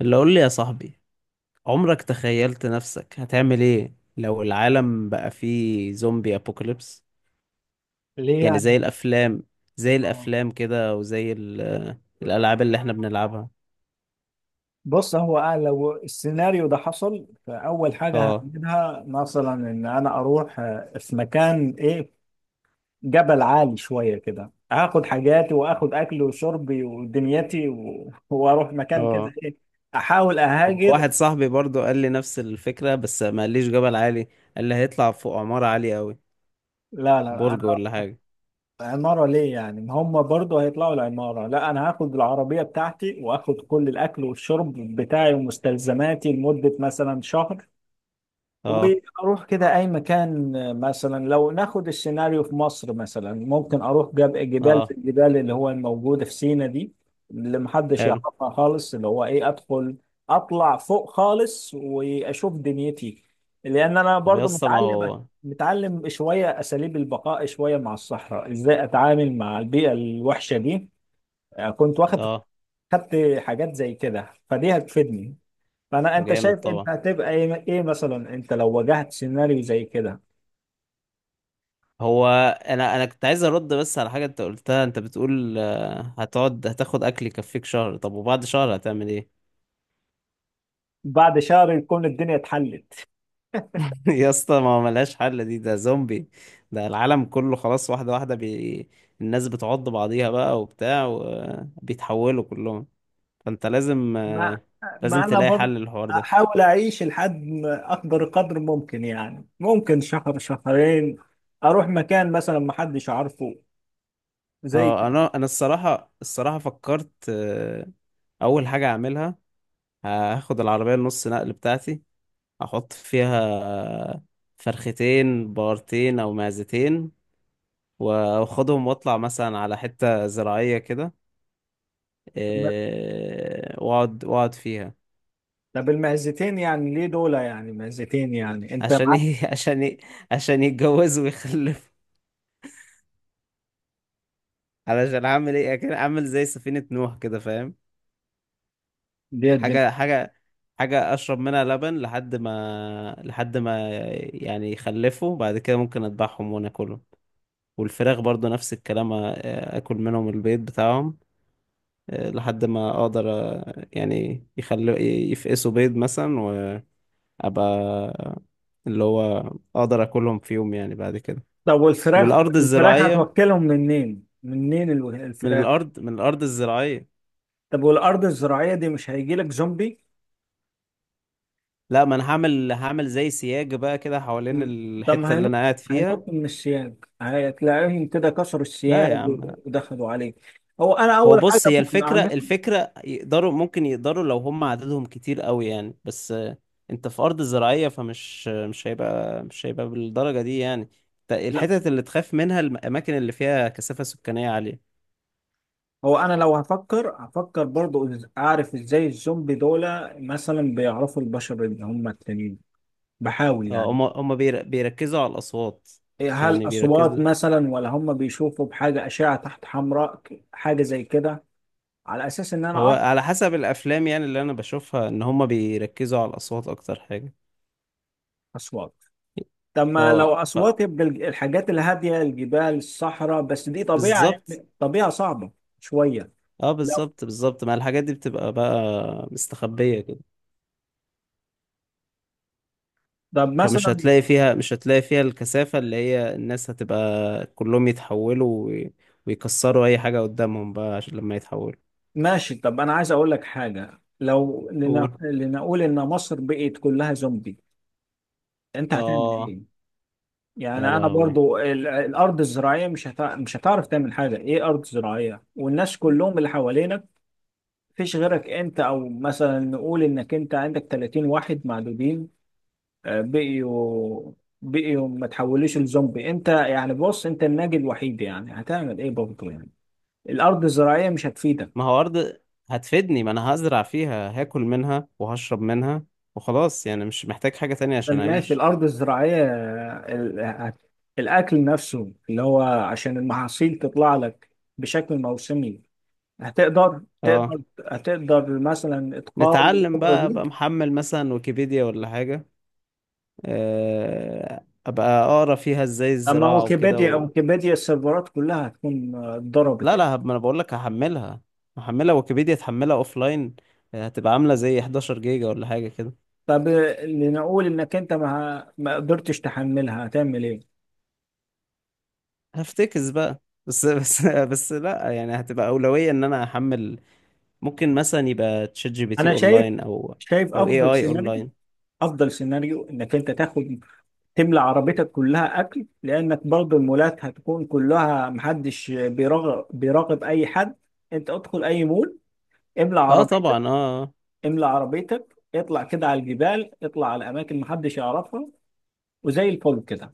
اللي قول لي يا صاحبي، عمرك تخيلت نفسك هتعمل ايه لو العالم بقى فيه زومبي ابوكاليبس؟ ليه يعني يعني. زي الافلام. زي آه. الافلام كده وزي الالعاب اللي احنا بنلعبها. بص، هو أنا لو السيناريو ده حصل فأول حاجة اه. هعملها مثلا إن أنا أروح في مكان إيه، جبل عالي شوية كده. هاخد حاجاتي وآخد أكلي وشربي ودنيتي وأروح مكان كده اه. إيه. أحاول أهاجر. واحد صاحبي برضو قال لي نفس الفكرة بس ما قاليش جبل عالي. قال لي هيطلع فوق عمارة عالية قوي، لا لا، برج أنا ولا حاجة. عمارة ليه يعني؟ ما هم برضه هيطلعوا العمارة. لا، أنا هاخد العربية بتاعتي وآخد كل الأكل والشرب بتاعي ومستلزماتي لمدة مثلا شهر. اه. واروح كده اي مكان. مثلا لو ناخد السيناريو في مصر، مثلا ممكن اروح جبال زي اه. الجبال اللي هو الموجوده في سينا دي، اللي محدش حلو. يعرفها خالص، اللي هو ايه، ادخل اطلع فوق خالص واشوف دنيتي. لان انا طب يا برضو اسطى ما متعلم، هو. متعلم شويه اساليب البقاء، شويه مع الصحراء، ازاي اتعامل مع البيئه الوحشه دي. كنت واخد، اه. خدت حاجات زي كده فدي هتفيدني. فانا انت جامد شايف طبعا. انت هتبقى ايه، إيه مثلا انت لو واجهت سيناريو زي كده؟ هو انا كنت عايز ارد بس على حاجه انت قلتها. انت بتقول هتقعد هتاخد اكل يكفيك شهر. طب وبعد شهر هتعمل ايه؟ بعد شهر يكون الدنيا اتحلت. يا اسطى ما هو ملهاش حل دي، ده زومبي. ده العالم كله خلاص. واحده واحده الناس بتعض بعضيها بقى وبتاع وبيتحولوا كلهم. فانت لازم، ما لازم ما انا تلاقي حل برضه للحوار ده. احاول اعيش لحد ما اقدر قدر ممكن، يعني ممكن شهر شهرين. اروح مكان مثلا ما حدش عارفه، زي اه، كده. انا الصراحه الصراحه فكرت، اول حاجه اعملها، هاخد العربيه النص نقل بتاعتي، احط فيها فرختين بقرتين او معزتين، واخدهم واطلع مثلا على حتة زراعية كده. واقعد فيها. طب المعزتين يعني ليه دول، يعني معزتين يعني انت عشان معاك؟ ي... عشان ي... عشان يتجوزوا ويخلفوا. علشان اعمل ايه، اعمل زي سفينة نوح كده، فاهم؟ دي الدنيا. حاجة حاجة حاجة اشرب منها لبن لحد ما يعني يخلفوا، بعد كده ممكن اذبحهم وناكلهم. والفراخ برضو نفس الكلام، اكل منهم البيض بتاعهم، لحد ما اقدر، يعني يخلوا يفقسوا بيض مثلا. وابقى، اللي هو اقدر اكلهم في يوم يعني بعد كده. طب والفراخ، والارض الفراخ الزراعيه. هتوكلهم منين منين من الفراخ؟ الارض من الارض الزراعيه. طب والارض الزراعيه دي مش هيجي لك زومبي؟ لا، ما انا هعمل زي سياج بقى كده حوالين مم. طب الحته ما اللي هينط، انا قاعد فيها. هينط من السياج، هتلاقيهم كده كسروا لا يا السياج عم. ودخلوا عليه. هو انا هو اول بص، حاجه هي ممكن الفكرة اعملها. يقدروا، ممكن يقدروا لو هم عددهم كتير قوي يعني، بس انت في أرض زراعية، فمش مش هيبقى بالدرجة دي يعني. لا. الحتت اللي تخاف منها الأماكن اللي فيها كثافة سكانية عالية. هو انا لو هفكر هفكر برضو اعرف ازاي الزومبي دول مثلا بيعرفوا البشر اللي هم التانيين، بحاول يعني. هم بيركزوا على الأصوات. إيه، هل يعني اصوات بيركزوا. مثلا ولا هم بيشوفوا بحاجه اشعه تحت حمراء، حاجه زي كده؟ على اساس ان انا هو اه. على حسب الأفلام يعني اللي أنا بشوفها، إن هم بيركزوا على الأصوات أكتر حاجة. اصوات. طب ما لو اه، أصوات يبقى الحاجات الهادية، الجبال، الصحراء، بس دي طبيعة، بالظبط. يعني طبيعة صعبة شوية. اه، لو بالظبط بالظبط، ما الحاجات دي بتبقى بقى مستخبية كده. طب فمش مثلا، هتلاقي فيها، مش هتلاقي فيها الكثافة اللي هي، الناس هتبقى كلهم يتحولوا، ويكسروا أي حاجة قدامهم بقى عشان لما يتحولوا. ماشي. طب أنا عايز أقول لك حاجة، لو قول. لنقول إن مصر بقت كلها زومبي، أنت هتعمل آه. إيه؟ يا يعني أنا لهوي. برضو الأرض الزراعية مش مش هتعرف تعمل حاجة. إيه، أرض زراعية؟ والناس كلهم اللي حوالينك، مفيش غيرك أنت. أو مثلا نقول إنك أنت عندك 30 واحد معدودين، بقيوا بقيوا ما تحولوش لزومبي انت. يعني بص، انت الناجي الوحيد، يعني هتعمل ايه برضه يعني؟ الارض الزراعيه مش ما هتفيدك. هو أرض، هتفيدني. ما أنا هزرع فيها، هاكل منها وهشرب منها وخلاص، يعني مش محتاج حاجة تانية طب عشان ماشي، أعيش. الارض الزراعيه الاكل نفسه اللي هو عشان المحاصيل تطلع لك بشكل موسمي، هتقدر آه. تقدر هتقدر مثلا تقاوم نتعلم الفتره بقى، دي؟ أبقى محمل مثلا ويكيبيديا ولا حاجة. أبقى أقرأ فيها إزاي اما الزراعة وكده. ويكيبيديا، ويكيبيديا السيرفرات كلها هتكون اتضربت. لا لا، ما انا بقول لك هحملها. ويكيبيديا تحملها اوف لاين، هتبقى عامله زي 11 جيجا ولا حاجه كده. طب لنقول انك انت ما ما قدرتش تحملها هتعمل ايه؟ هفتكس بقى، بس بس لا يعني، هتبقى اولويه ان انا احمل. ممكن مثلا يبقى تشات جي بي تي انا شايف، اونلاين، او شايف افضل اي سيناريو، اونلاين. افضل سيناريو انك انت تاخد، تملى عربيتك كلها اكل، لانك برضو المولات هتكون كلها محدش بيراقب اي حد. انت ادخل اي مول، املى اه عربيتك، طبعا، اه. املى عربيتك، اطلع كده على الجبال، اطلع على اماكن محدش يعرفها، وزي الفل كده.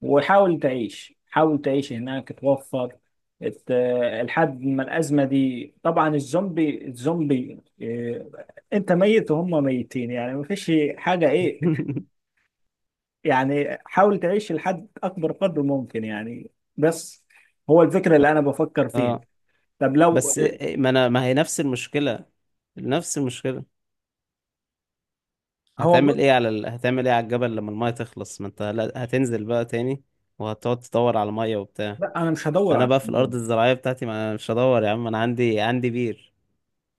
وحاول تعيش، حاول تعيش هناك توفر ات- لحد ما الأزمة دي طبعا. الزومبي، الزومبي إيه، انت ميت وهم ميتين، يعني ما فيش حاجة ايه يعني. حاول تعيش لحد اكبر قدر ممكن يعني. بس. هو الفكرة اللي انا بفكر فيها. اه طب لو بس ما انا، ما هي نفس المشكله. نفس المشكله هو هتعمل برضه. ايه على هتعمل ايه على الجبل لما المايه تخلص؟ ما انت، هتنزل بقى تاني، وهتقعد تدور على ميه وبتاع. لا انا مش هدور انا على، بقى في الارض الزراعيه بتاعتي، ما أنا مش هدور يا عم، انا عندي بير.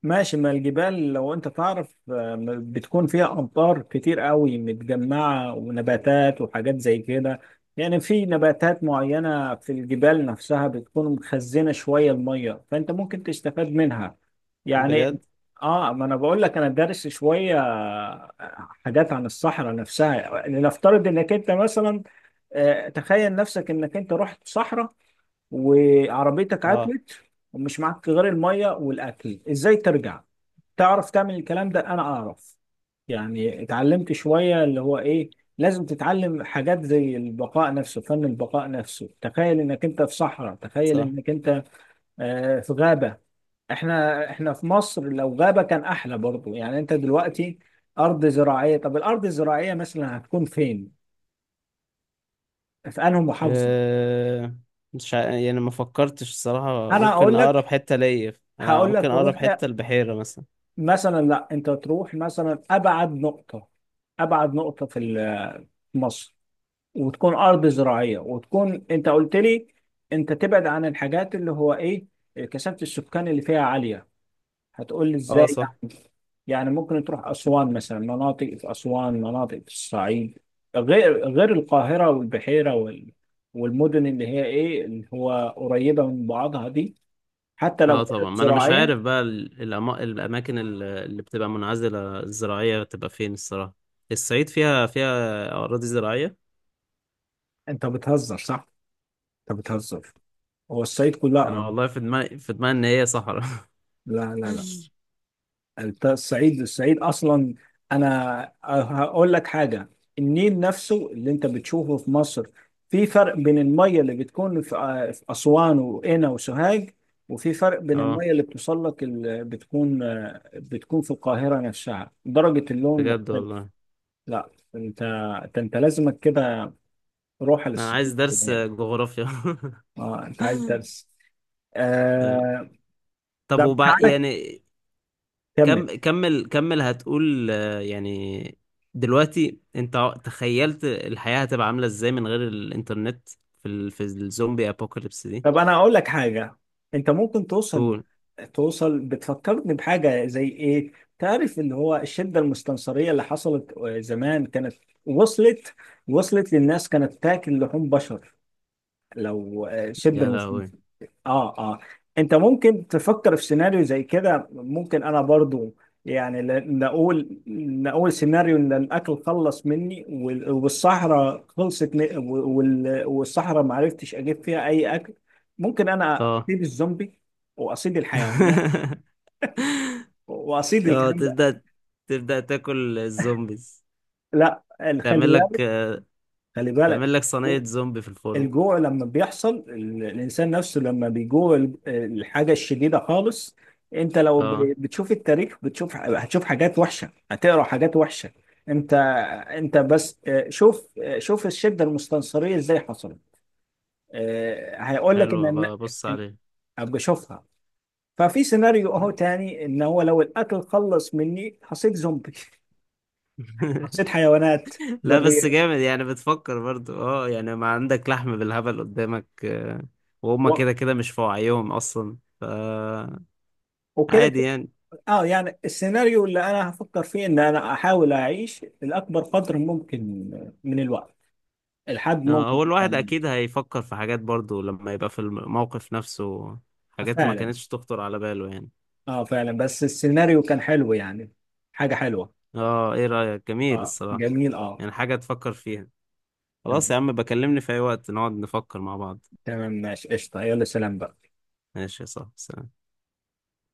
ماشي. ما الجبال لو انت تعرف بتكون فيها امطار كتير قوي متجمعة ونباتات وحاجات زي كده. يعني في نباتات معينة في الجبال نفسها بتكون مخزنة شوية المية فانت ممكن تستفاد منها يعني. بجد. اه، ما انا بقول لك انا دارس شوية حاجات عن الصحراء نفسها. لنفترض انك انت مثلا، تخيل نفسك انك انت رحت صحراء وعربيتك اه، عطلت ومش معاك غير المية والاكل، ازاي ترجع؟ تعرف تعمل الكلام ده؟ انا اعرف يعني. اتعلمت شوية اللي هو ايه، لازم تتعلم حاجات زي البقاء نفسه، فن البقاء نفسه. تخيل انك انت في صحراء، تخيل صح. انك انت في غابة. احنا في مصر لو غابة كان احلى برضو يعني. انت دلوقتي ارض زراعية، طب الارض الزراعية مثلا هتكون فين؟ في انهي محافظة؟ أه... مش ع... يعني ما فكرتش الصراحه انا ممكن اقول اقرب لك، حته ليا. انا هقول ممكن لك اقرب روح حته البحيره مثلا. مثلا. لا انت تروح مثلا ابعد نقطة، ابعد نقطة في في مصر، وتكون ارض زراعيه. وتكون انت قلت لي انت تبعد عن الحاجات اللي هو ايه، كثافه السكان اللي فيها عاليه. هتقول لي اه، ازاي صح. يعني؟ يعني ممكن تروح اسوان مثلا، مناطق في اسوان، مناطق في الصعيد، غير غير القاهره والبحيره وال، والمدن اللي هي ايه اللي هو قريبه من بعضها دي، حتى لو اه طبعا، كانت ما انا مش زراعيه. عارف بقى الاماكن اللي بتبقى منعزله الزراعيه بتبقى فين الصراحه. الصعيد فيها اراضي زراعيه. انت بتهزر صح، انت بتهزر. هو الصعيد كلها انا ارض؟ والله في دماغي ان هي صحراء. لا لا لا. الصعيد، الصعيد اصلا، انا هقول لك حاجه. النيل نفسه اللي انت بتشوفه في مصر، في فرق بين الميه اللي بتكون في في اسوان وقنا وسوهاج، وفي فرق بين اه، الميه اللي بتوصل لك اللي بتكون بتكون في القاهره نفسها، درجه اللون بجد مختلف. والله. لا، انت أنت لازمك كده روح انا عايز للصعيد درس يعني. جغرافيا. اه انت عايز درس. اه. آه... طب طب وبعد تعالى يعني. كمل. كم كمل كمل. هتقول، يعني دلوقتي انت تخيلت الحياة هتبقى عاملة ازاي من غير الانترنت في في الزومبي ابوكاليبس دي؟ طب انا اقول لك حاجه. انت ممكن توصل، قول. توصل. بتفكرني بحاجه زي ايه، تعرف اللي هو الشده المستنصريه اللي حصلت زمان؟ كانت وصلت، وصلت للناس كانت تاكل لحوم بشر لو الشده. يا لهوي. اه اه، انت ممكن تفكر في سيناريو زي كده. ممكن انا برضو يعني نقول، نقول سيناريو ان الاكل خلص مني والصحراء خلصت والصحراء ما عرفتش اجيب فيها اي اكل. ممكن انا اه. اصيد الزومبي واصيد الحيوانات واصيد اه، الكلام ده. تبدأ تاكل الزومبيز. لا خلي تعمل لك بالك، خلي بالك. تعمل لك صينية زومبي في الفرن. الجوع لما بيحصل الإنسان نفسه لما بيجوع الحاجة الشديدة خالص. أنت لو اه، بتشوف التاريخ بتشوف، هتشوف حاجات وحشة، هتقرأ حاجات وحشة. أنت، أنت بس شوف شوف الشدة المستنصرية إزاي حصلت. هيقول لك حلو، إن هبقى ابص إن- عليه. أبقى أشوفها. ففي سيناريو أهو تاني، إن هو لو الأكل خلص مني حصيت زومبي، حصيت حيوانات لا بس برية جامد يعني، بتفكر برضو اه يعني، ما عندك لحم بالهبل قدامك، وهم و- كده كده مش في وعيهم اصلا وكده. عادي يعني. اه يعني السيناريو اللي انا هفكر فيه ان انا احاول اعيش لاكبر قدر ممكن من الوقت، لحد ممكن هو أكتر الواحد من... اكيد هيفكر في حاجات برضو لما يبقى في الموقف نفسه، حاجات ما فعلا. كانتش تخطر على باله يعني. اه فعلا بس السيناريو كان حلو يعني، حاجة حلوة. اه، ايه رأيك؟ اه جميل الصراحة. جميل اه. يعني حاجة تفكر فيها. خلاص تمام، يا عم، بكلمني في اي وقت نقعد نفكر مع بعض. تمام، ماشي قشطة، يلا سلام بقى. ماشي يا صاحبي، سلام.